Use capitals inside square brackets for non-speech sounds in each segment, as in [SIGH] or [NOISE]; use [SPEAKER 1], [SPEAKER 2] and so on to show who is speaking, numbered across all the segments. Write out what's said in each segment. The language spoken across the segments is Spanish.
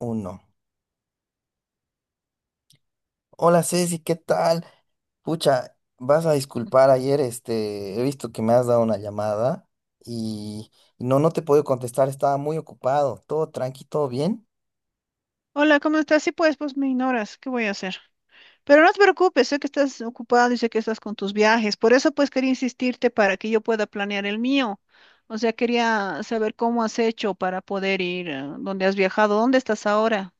[SPEAKER 1] Uno. Hola Ceci, ¿qué tal? Pucha, vas a disculpar, ayer he visto que me has dado una llamada y y no, no te he podido contestar, estaba muy ocupado, todo tranqui, todo bien.
[SPEAKER 2] Hola, ¿cómo estás? Sí, pues me ignoras. ¿Qué voy a hacer? Pero no te preocupes, sé que estás ocupado y sé que estás con tus viajes. Por eso, pues, quería insistirte para que yo pueda planear el mío. O sea, quería saber cómo has hecho para poder ir, dónde has viajado, dónde estás ahora.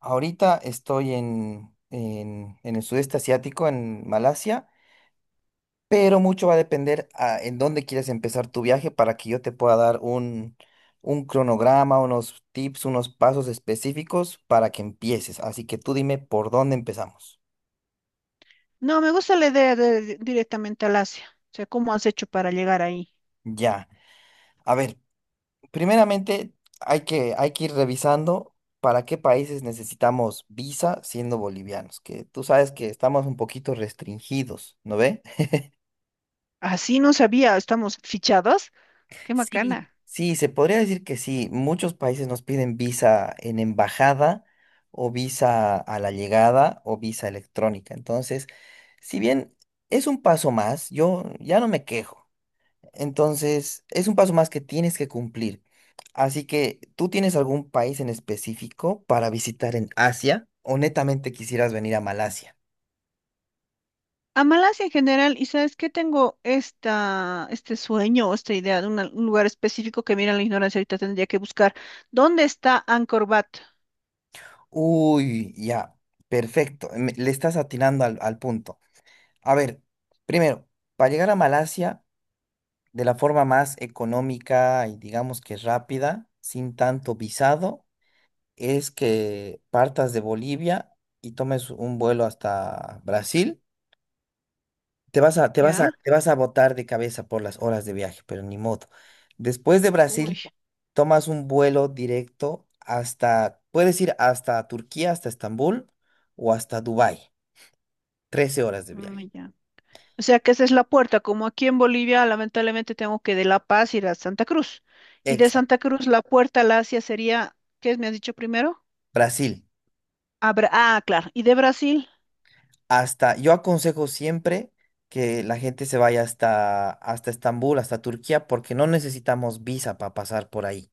[SPEAKER 1] Ahorita estoy en el sudeste asiático, en Malasia, pero mucho va a depender en dónde quieres empezar tu viaje para que yo te pueda dar un cronograma, unos tips, unos pasos específicos para que empieces. Así que tú dime por dónde empezamos.
[SPEAKER 2] No, me gusta la idea de directamente al Asia. O sea, ¿cómo has hecho para llegar ahí?
[SPEAKER 1] Ya. A ver. Primeramente, hay que ir revisando para qué países necesitamos visa siendo bolivianos, que tú sabes que estamos un poquito restringidos, ¿no ve?
[SPEAKER 2] Así no sabía, estamos fichados. Qué
[SPEAKER 1] Sí,
[SPEAKER 2] macana.
[SPEAKER 1] sí, se podría decir que sí. Muchos países nos piden visa en embajada o visa a la llegada o visa electrónica. Entonces, si bien es un paso más, yo ya no me quejo. Entonces, es un paso más que tienes que cumplir. Así que, ¿tú tienes algún país en específico para visitar en Asia o netamente quisieras venir a Malasia?
[SPEAKER 2] A Malasia en general, y sabes que tengo este sueño o esta idea de un lugar específico que mira la ignorancia, ahorita tendría que buscar. ¿Dónde está Angkor Wat?
[SPEAKER 1] Uy, ya, perfecto. Le estás atinando al punto. A ver, primero, para llegar a Malasia de la forma más económica y digamos que rápida, sin tanto visado, es que partas de Bolivia y tomes un vuelo hasta Brasil. Te vas a, te vas a,
[SPEAKER 2] ¿Ya?
[SPEAKER 1] te vas a botar de cabeza por las horas de viaje, pero ni modo. Después de
[SPEAKER 2] Uy,
[SPEAKER 1] Brasil, tomas un vuelo directo puedes ir hasta Turquía, hasta Estambul o hasta Dubái. 13 horas de
[SPEAKER 2] mm,
[SPEAKER 1] viaje.
[SPEAKER 2] ya. O sea que esa es la puerta, como aquí en Bolivia, lamentablemente tengo que de La Paz ir a Santa Cruz. Y de
[SPEAKER 1] Exacto.
[SPEAKER 2] Santa Cruz la puerta al Asia sería, ¿qué me has dicho primero?
[SPEAKER 1] Brasil.
[SPEAKER 2] A ah, claro. ¿Y de Brasil?
[SPEAKER 1] Yo aconsejo siempre que la gente se vaya hasta Estambul, hasta Turquía, porque no necesitamos visa para pasar por ahí.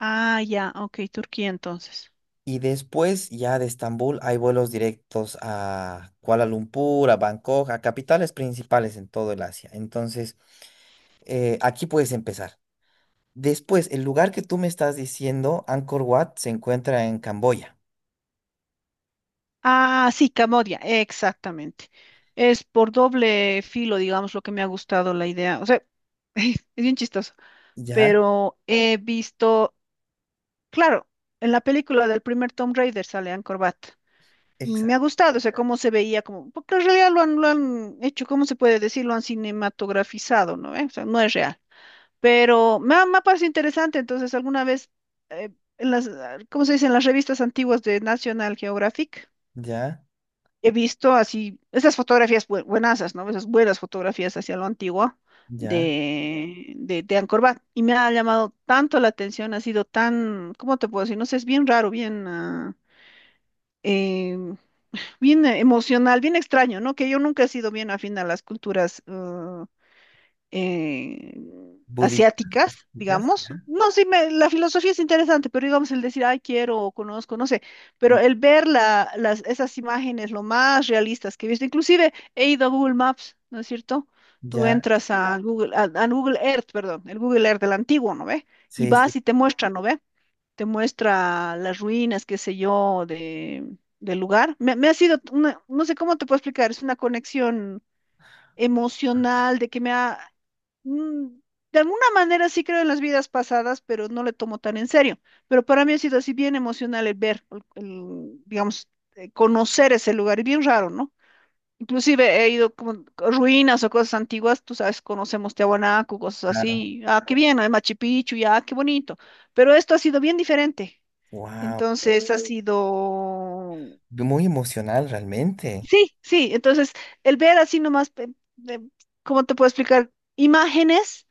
[SPEAKER 2] Ah, ya, ok, Turquía entonces.
[SPEAKER 1] Y después ya de Estambul hay vuelos directos a Kuala Lumpur, a Bangkok, a capitales principales en todo el Asia. Entonces, aquí puedes empezar. Después, el lugar que tú me estás diciendo, Angkor Wat, se encuentra en Camboya.
[SPEAKER 2] Ah, sí, Camodia, exactamente. Es por doble filo, digamos, lo que me ha gustado la idea. O sea, [LAUGHS] es bien chistoso,
[SPEAKER 1] Ya,
[SPEAKER 2] pero he visto, claro, en la película del primer Tomb Raider sale Angkor Wat y me ha
[SPEAKER 1] exacto.
[SPEAKER 2] gustado, o sea, cómo se veía, como, porque en realidad lo han hecho, ¿cómo se puede decir? Lo han cinematografizado, ¿no? ¿Eh? O sea, no es real, pero me ha parecido interesante, entonces alguna vez, eh, en las, ah, ¿cómo se dice? En las revistas antiguas de National Geographic
[SPEAKER 1] Ya,
[SPEAKER 2] he visto así, esas fotografías buenazas, ¿no? Esas buenas fotografías hacia lo antiguo
[SPEAKER 1] ya.
[SPEAKER 2] de Angkor Wat. Y me ha llamado tanto la atención, ha sido tan, ¿cómo te puedo decir? No sé, es bien raro, bien, ah, eh, bien emocional, bien extraño, ¿no? Que yo nunca he sido bien afín a las culturas eh,
[SPEAKER 1] Budísticas,
[SPEAKER 2] asiáticas, digamos.
[SPEAKER 1] ya.
[SPEAKER 2] No, sí, la filosofía es interesante, pero digamos el decir, ay, quiero o conozco, no sé,
[SPEAKER 1] Mm.
[SPEAKER 2] pero el ver las, esas imágenes lo más realistas que he visto, inclusive he ido a Google Maps, ¿no es cierto? Tú
[SPEAKER 1] Ya,
[SPEAKER 2] entras a Google, a Google Earth, perdón, el Google Earth del antiguo, ¿no ve? Y
[SPEAKER 1] sí,
[SPEAKER 2] vas
[SPEAKER 1] sí,
[SPEAKER 2] y te muestra, ¿no ve? Te muestra las ruinas, qué sé yo, del lugar. Me ha sido, no sé cómo te puedo explicar, es una conexión emocional, de que me ha mm, de alguna manera sí creo en las vidas pasadas, pero no le tomo tan en serio. Pero para mí ha sido así bien emocional el ver, digamos, conocer ese lugar. Y bien raro, ¿no? Inclusive he ido como a ruinas o cosas antiguas, tú sabes, conocemos Tiahuanaco, cosas
[SPEAKER 1] claro.
[SPEAKER 2] así. Ah, qué bien, hay Machu Picchu, ya, qué bonito. Pero esto ha sido bien diferente.
[SPEAKER 1] Wow.
[SPEAKER 2] Entonces ha sido
[SPEAKER 1] Muy emocional realmente.
[SPEAKER 2] Sí, sí, entonces el ver así nomás, de- ¿cómo te puedo explicar? Imágenes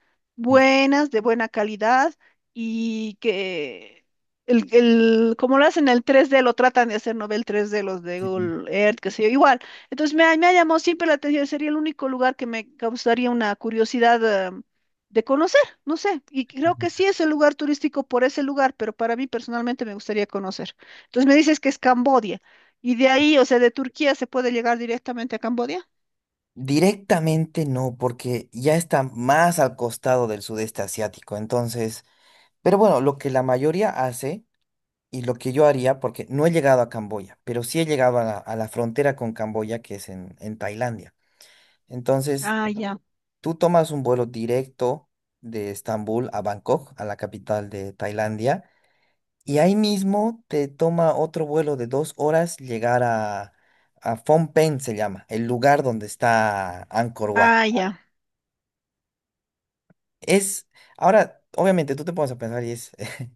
[SPEAKER 1] Mm,
[SPEAKER 2] buenas, de buena calidad y que el, como lo hacen el 3D, lo tratan de hacer, no ve el 3D, los de
[SPEAKER 1] sí.
[SPEAKER 2] Google Earth, qué sé yo, igual. Entonces me ha llamado siempre la atención, sería el único lugar que me causaría una curiosidad, de conocer, no sé, y creo que sí es el lugar turístico por ese lugar, pero para mí personalmente me gustaría conocer. Entonces me dices que es Cambodia. Y de ahí, o sea, de Turquía se puede llegar directamente a Camboya.
[SPEAKER 1] Directamente no, porque ya está más al costado del sudeste asiático. Entonces, pero bueno, lo que la mayoría hace y lo que yo haría, porque no he llegado a Camboya, pero sí he llegado a la frontera con Camboya, que es en Tailandia. Entonces,
[SPEAKER 2] Ah, ya.
[SPEAKER 1] tú tomas un vuelo directo de Estambul a Bangkok, a la capital de Tailandia, y ahí mismo te toma otro vuelo de 2 horas llegar a Phnom Penh, se llama, el lugar donde está Angkor Wat.
[SPEAKER 2] Ah, ya.
[SPEAKER 1] Es, ahora, obviamente tú te pones a pensar y es [LAUGHS]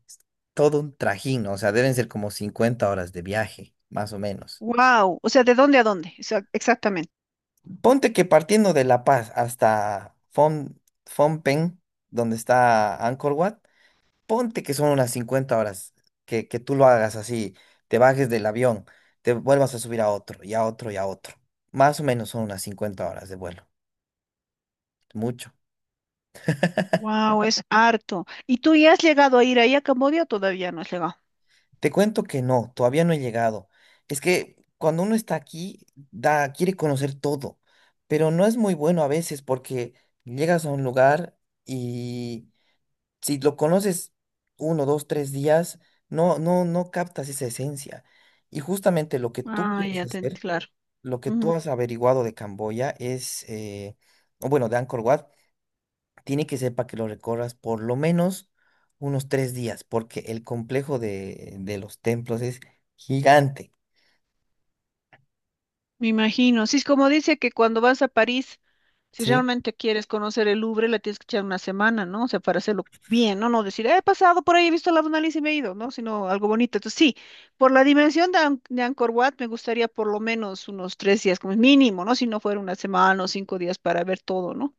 [SPEAKER 1] todo un trajín, ¿no? O sea, deben ser como 50 horas de viaje, más o menos.
[SPEAKER 2] Wow. O sea, ¿de dónde a dónde? O sea, exactamente.
[SPEAKER 1] Ponte que partiendo de La Paz hasta Phnom Penh, donde está Angkor Wat, ponte que son unas 50 horas, que tú lo hagas así, te bajes del avión, te vuelvas a subir a otro, y a otro, y a otro. Más o menos son unas 50 horas de vuelo, mucho.
[SPEAKER 2] Wow, es harto. ¿Y tú ya has llegado a ir ahí a Camboya o todavía no has llegado?
[SPEAKER 1] Te cuento que no, todavía no he llegado. Es que cuando uno está aquí, quiere conocer todo, pero no es muy bueno a veces porque llegas a un lugar y si lo conoces 1, 2, 3 días, no, no, no captas esa esencia. Y justamente lo que tú
[SPEAKER 2] Ah,
[SPEAKER 1] quieres
[SPEAKER 2] ya, te,
[SPEAKER 1] hacer,
[SPEAKER 2] claro.
[SPEAKER 1] lo que tú has averiguado de Camboya es, o bueno, de Angkor Wat, tiene que ser para que lo recorras por lo menos unos 3 días, porque el complejo de los templos es gigante,
[SPEAKER 2] Me imagino. Sí, es como dice que cuando vas a París, si
[SPEAKER 1] ¿sí?
[SPEAKER 2] realmente quieres conocer el Louvre, la tienes que echar una semana, ¿no? O sea, para hacerlo bien, ¿no? No decir, he pasado por ahí, he visto la Mona Lisa y me he ido, ¿no? Sino algo bonito. Entonces, sí, por la dimensión de, de Angkor Wat, me gustaría por lo menos unos 3 días como mínimo, ¿no? Si no fuera una semana o 5 días para ver todo, ¿no?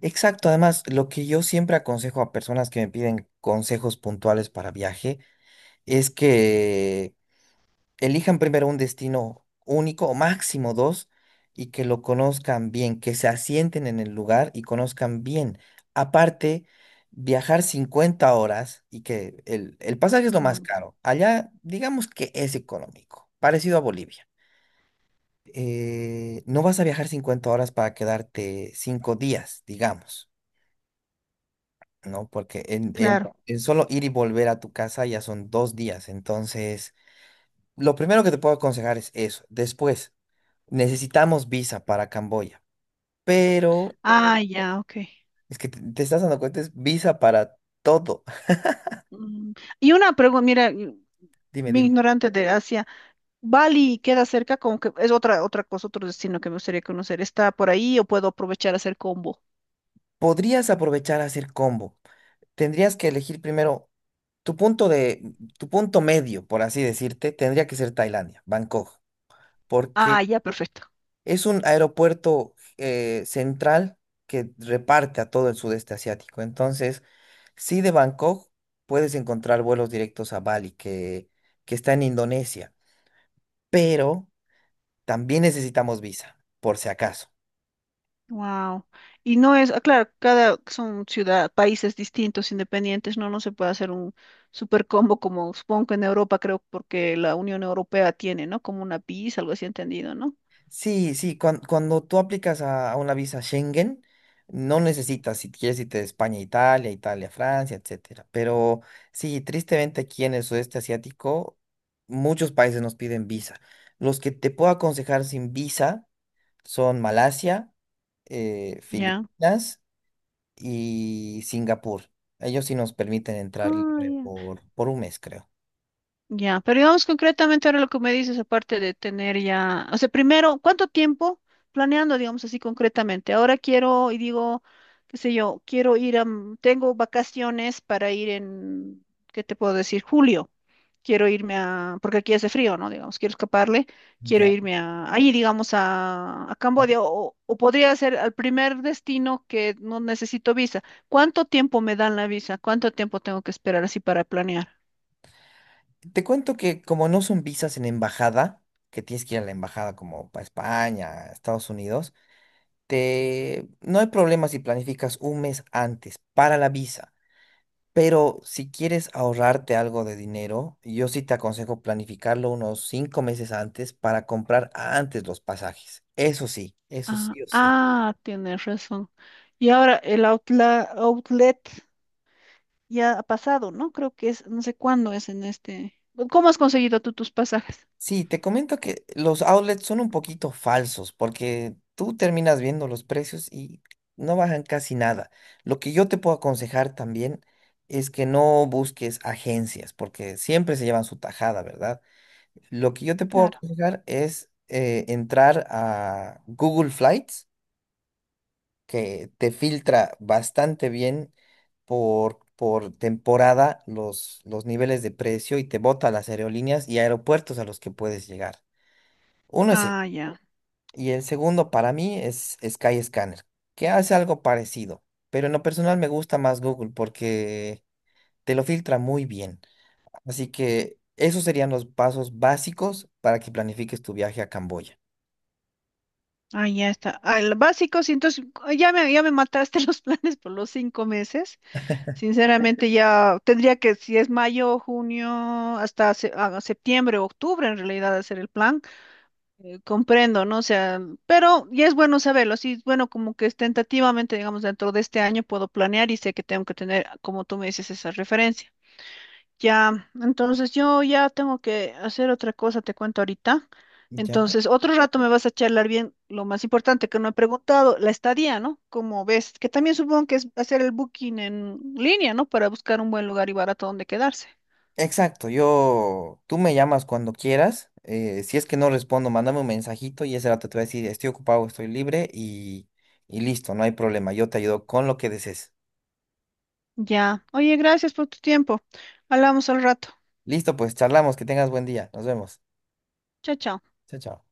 [SPEAKER 1] Exacto, además, lo que yo siempre aconsejo a personas que me piden consejos puntuales para viaje es que elijan primero un destino único o máximo dos y que lo conozcan bien, que se asienten en el lugar y conozcan bien. Aparte, viajar 50 horas y que el pasaje es lo más
[SPEAKER 2] Mm,
[SPEAKER 1] caro. Allá, digamos que es económico, parecido a Bolivia. No vas a viajar 50 horas para quedarte 5 días, digamos, ¿no? Porque en, en-
[SPEAKER 2] claro.
[SPEAKER 1] en solo ir y volver a tu casa ya son 2 días. Entonces, lo primero que te puedo aconsejar es eso. Después, necesitamos visa para Camboya, pero
[SPEAKER 2] Ah, ya, ok.
[SPEAKER 1] es que te estás dando cuenta, es visa para todo. [LAUGHS]
[SPEAKER 2] Mm, Y una pregunta, mira,
[SPEAKER 1] Dime,
[SPEAKER 2] bien
[SPEAKER 1] dime.
[SPEAKER 2] ignorante de Asia, ¿Bali queda cerca? Como que es otra cosa, otro destino que me gustaría conocer. ¿Está por ahí o puedo aprovechar a hacer combo?
[SPEAKER 1] Podrías aprovechar a hacer combo. Tendrías que elegir primero tu punto de, tu punto medio, por así decirte, tendría que ser Tailandia, Bangkok,
[SPEAKER 2] Ah,
[SPEAKER 1] porque
[SPEAKER 2] ya, perfecto.
[SPEAKER 1] es un aeropuerto central que reparte a todo el sudeste asiático. Entonces, sí de Bangkok puedes encontrar vuelos directos a Bali, que está en Indonesia, pero también necesitamos visa, por si acaso.
[SPEAKER 2] Wow. Y no es, ah, claro, cada son ciudad, países distintos, independientes, no se puede hacer un super combo como supongo que en Europa, creo, porque la Unión Europea tiene, ¿no? Como una PIS, algo así entendido, ¿no?
[SPEAKER 1] Sí, sí, cuando tú aplicas a una visa Schengen, no necesitas, si quieres irte de España a Italia, Italia a Francia, etcétera. Pero sí, tristemente aquí en el sudeste asiático, muchos países nos piden visa. Los que te puedo aconsejar sin visa son Malasia,
[SPEAKER 2] Ya.
[SPEAKER 1] Filipinas y Singapur. Ellos sí nos permiten entrar
[SPEAKER 2] Ah,
[SPEAKER 1] libre
[SPEAKER 2] ya.
[SPEAKER 1] por un mes, creo.
[SPEAKER 2] Ya, pero digamos concretamente ahora lo que me dices, aparte de tener ya, o sea, primero, ¿cuánto tiempo planeando, digamos así concretamente? Ahora quiero y digo, qué sé yo, quiero ir a, tengo vacaciones para ir en, ¿qué te puedo decir? Julio. Quiero irme a, porque aquí hace frío, ¿no? Digamos, quiero escaparle, quiero
[SPEAKER 1] Ya.
[SPEAKER 2] irme a, ahí, digamos, a Camboya, o podría ser al primer destino que no necesito visa. ¿Cuánto tiempo me dan la visa? ¿Cuánto tiempo tengo que esperar así para planear?
[SPEAKER 1] Te cuento que como no son visas en embajada, que tienes que ir a la embajada como para España, Estados Unidos, no hay problema si planificas un mes antes para la visa, pero si quieres ahorrarte algo de dinero, yo sí te aconsejo planificarlo unos 5 meses antes para comprar antes los pasajes. Eso
[SPEAKER 2] Ah,
[SPEAKER 1] sí o sí.
[SPEAKER 2] ah, tienes razón. Y ahora el outlet ya ha pasado, ¿no? Creo que es, no sé cuándo es en este. ¿Cómo has conseguido tú tus pasajes?
[SPEAKER 1] Sí, te comento que los outlets son un poquito falsos porque tú terminas viendo los precios y no bajan casi nada. Lo que yo te puedo aconsejar también es que no busques agencias porque siempre se llevan su tajada, ¿verdad? Lo que yo te puedo
[SPEAKER 2] Claro.
[SPEAKER 1] aconsejar es entrar a Google Flights, que te filtra bastante bien por temporada los niveles de precio y te bota las aerolíneas y aeropuertos a los que puedes llegar. Uno es.
[SPEAKER 2] Ah, ya.
[SPEAKER 1] Y el segundo para mí es Skyscanner, que hace algo parecido, pero en lo personal me gusta más Google porque te lo filtra muy bien. Así que esos serían los pasos básicos para que planifiques tu viaje a Camboya.
[SPEAKER 2] Ah, ya está. Al básico, sí, entonces ah, ya me mataste [LAUGHS] los planes por los 5 meses. Sinceramente, ya tendría que, si es mayo, junio, hasta septiembre, octubre, en realidad, hacer el plan. Comprendo, ¿no? O sea, pero ya es bueno saberlo. Así, bueno, como que es tentativamente, digamos, dentro de este año puedo planear y sé que tengo que tener, como tú me dices, esa referencia. Ya, entonces yo ya tengo que hacer otra cosa, te cuento ahorita.
[SPEAKER 1] Ya.
[SPEAKER 2] Entonces, otro rato me vas a charlar bien lo más importante que no he preguntado, la estadía, ¿no? Como ves, que también supongo que es hacer el booking en línea, ¿no? Para buscar un buen lugar y barato donde quedarse.
[SPEAKER 1] Exacto, yo, tú me llamas cuando quieras. Si es que no respondo, mándame un mensajito y ese rato te voy a decir, estoy ocupado, estoy libre y listo, no hay problema. Yo te ayudo con lo que desees.
[SPEAKER 2] Ya. Oye, gracias por tu tiempo. Hablamos al rato.
[SPEAKER 1] Listo, pues charlamos, que tengas buen día. Nos vemos.
[SPEAKER 2] Chao, chao.
[SPEAKER 1] Chao, chao.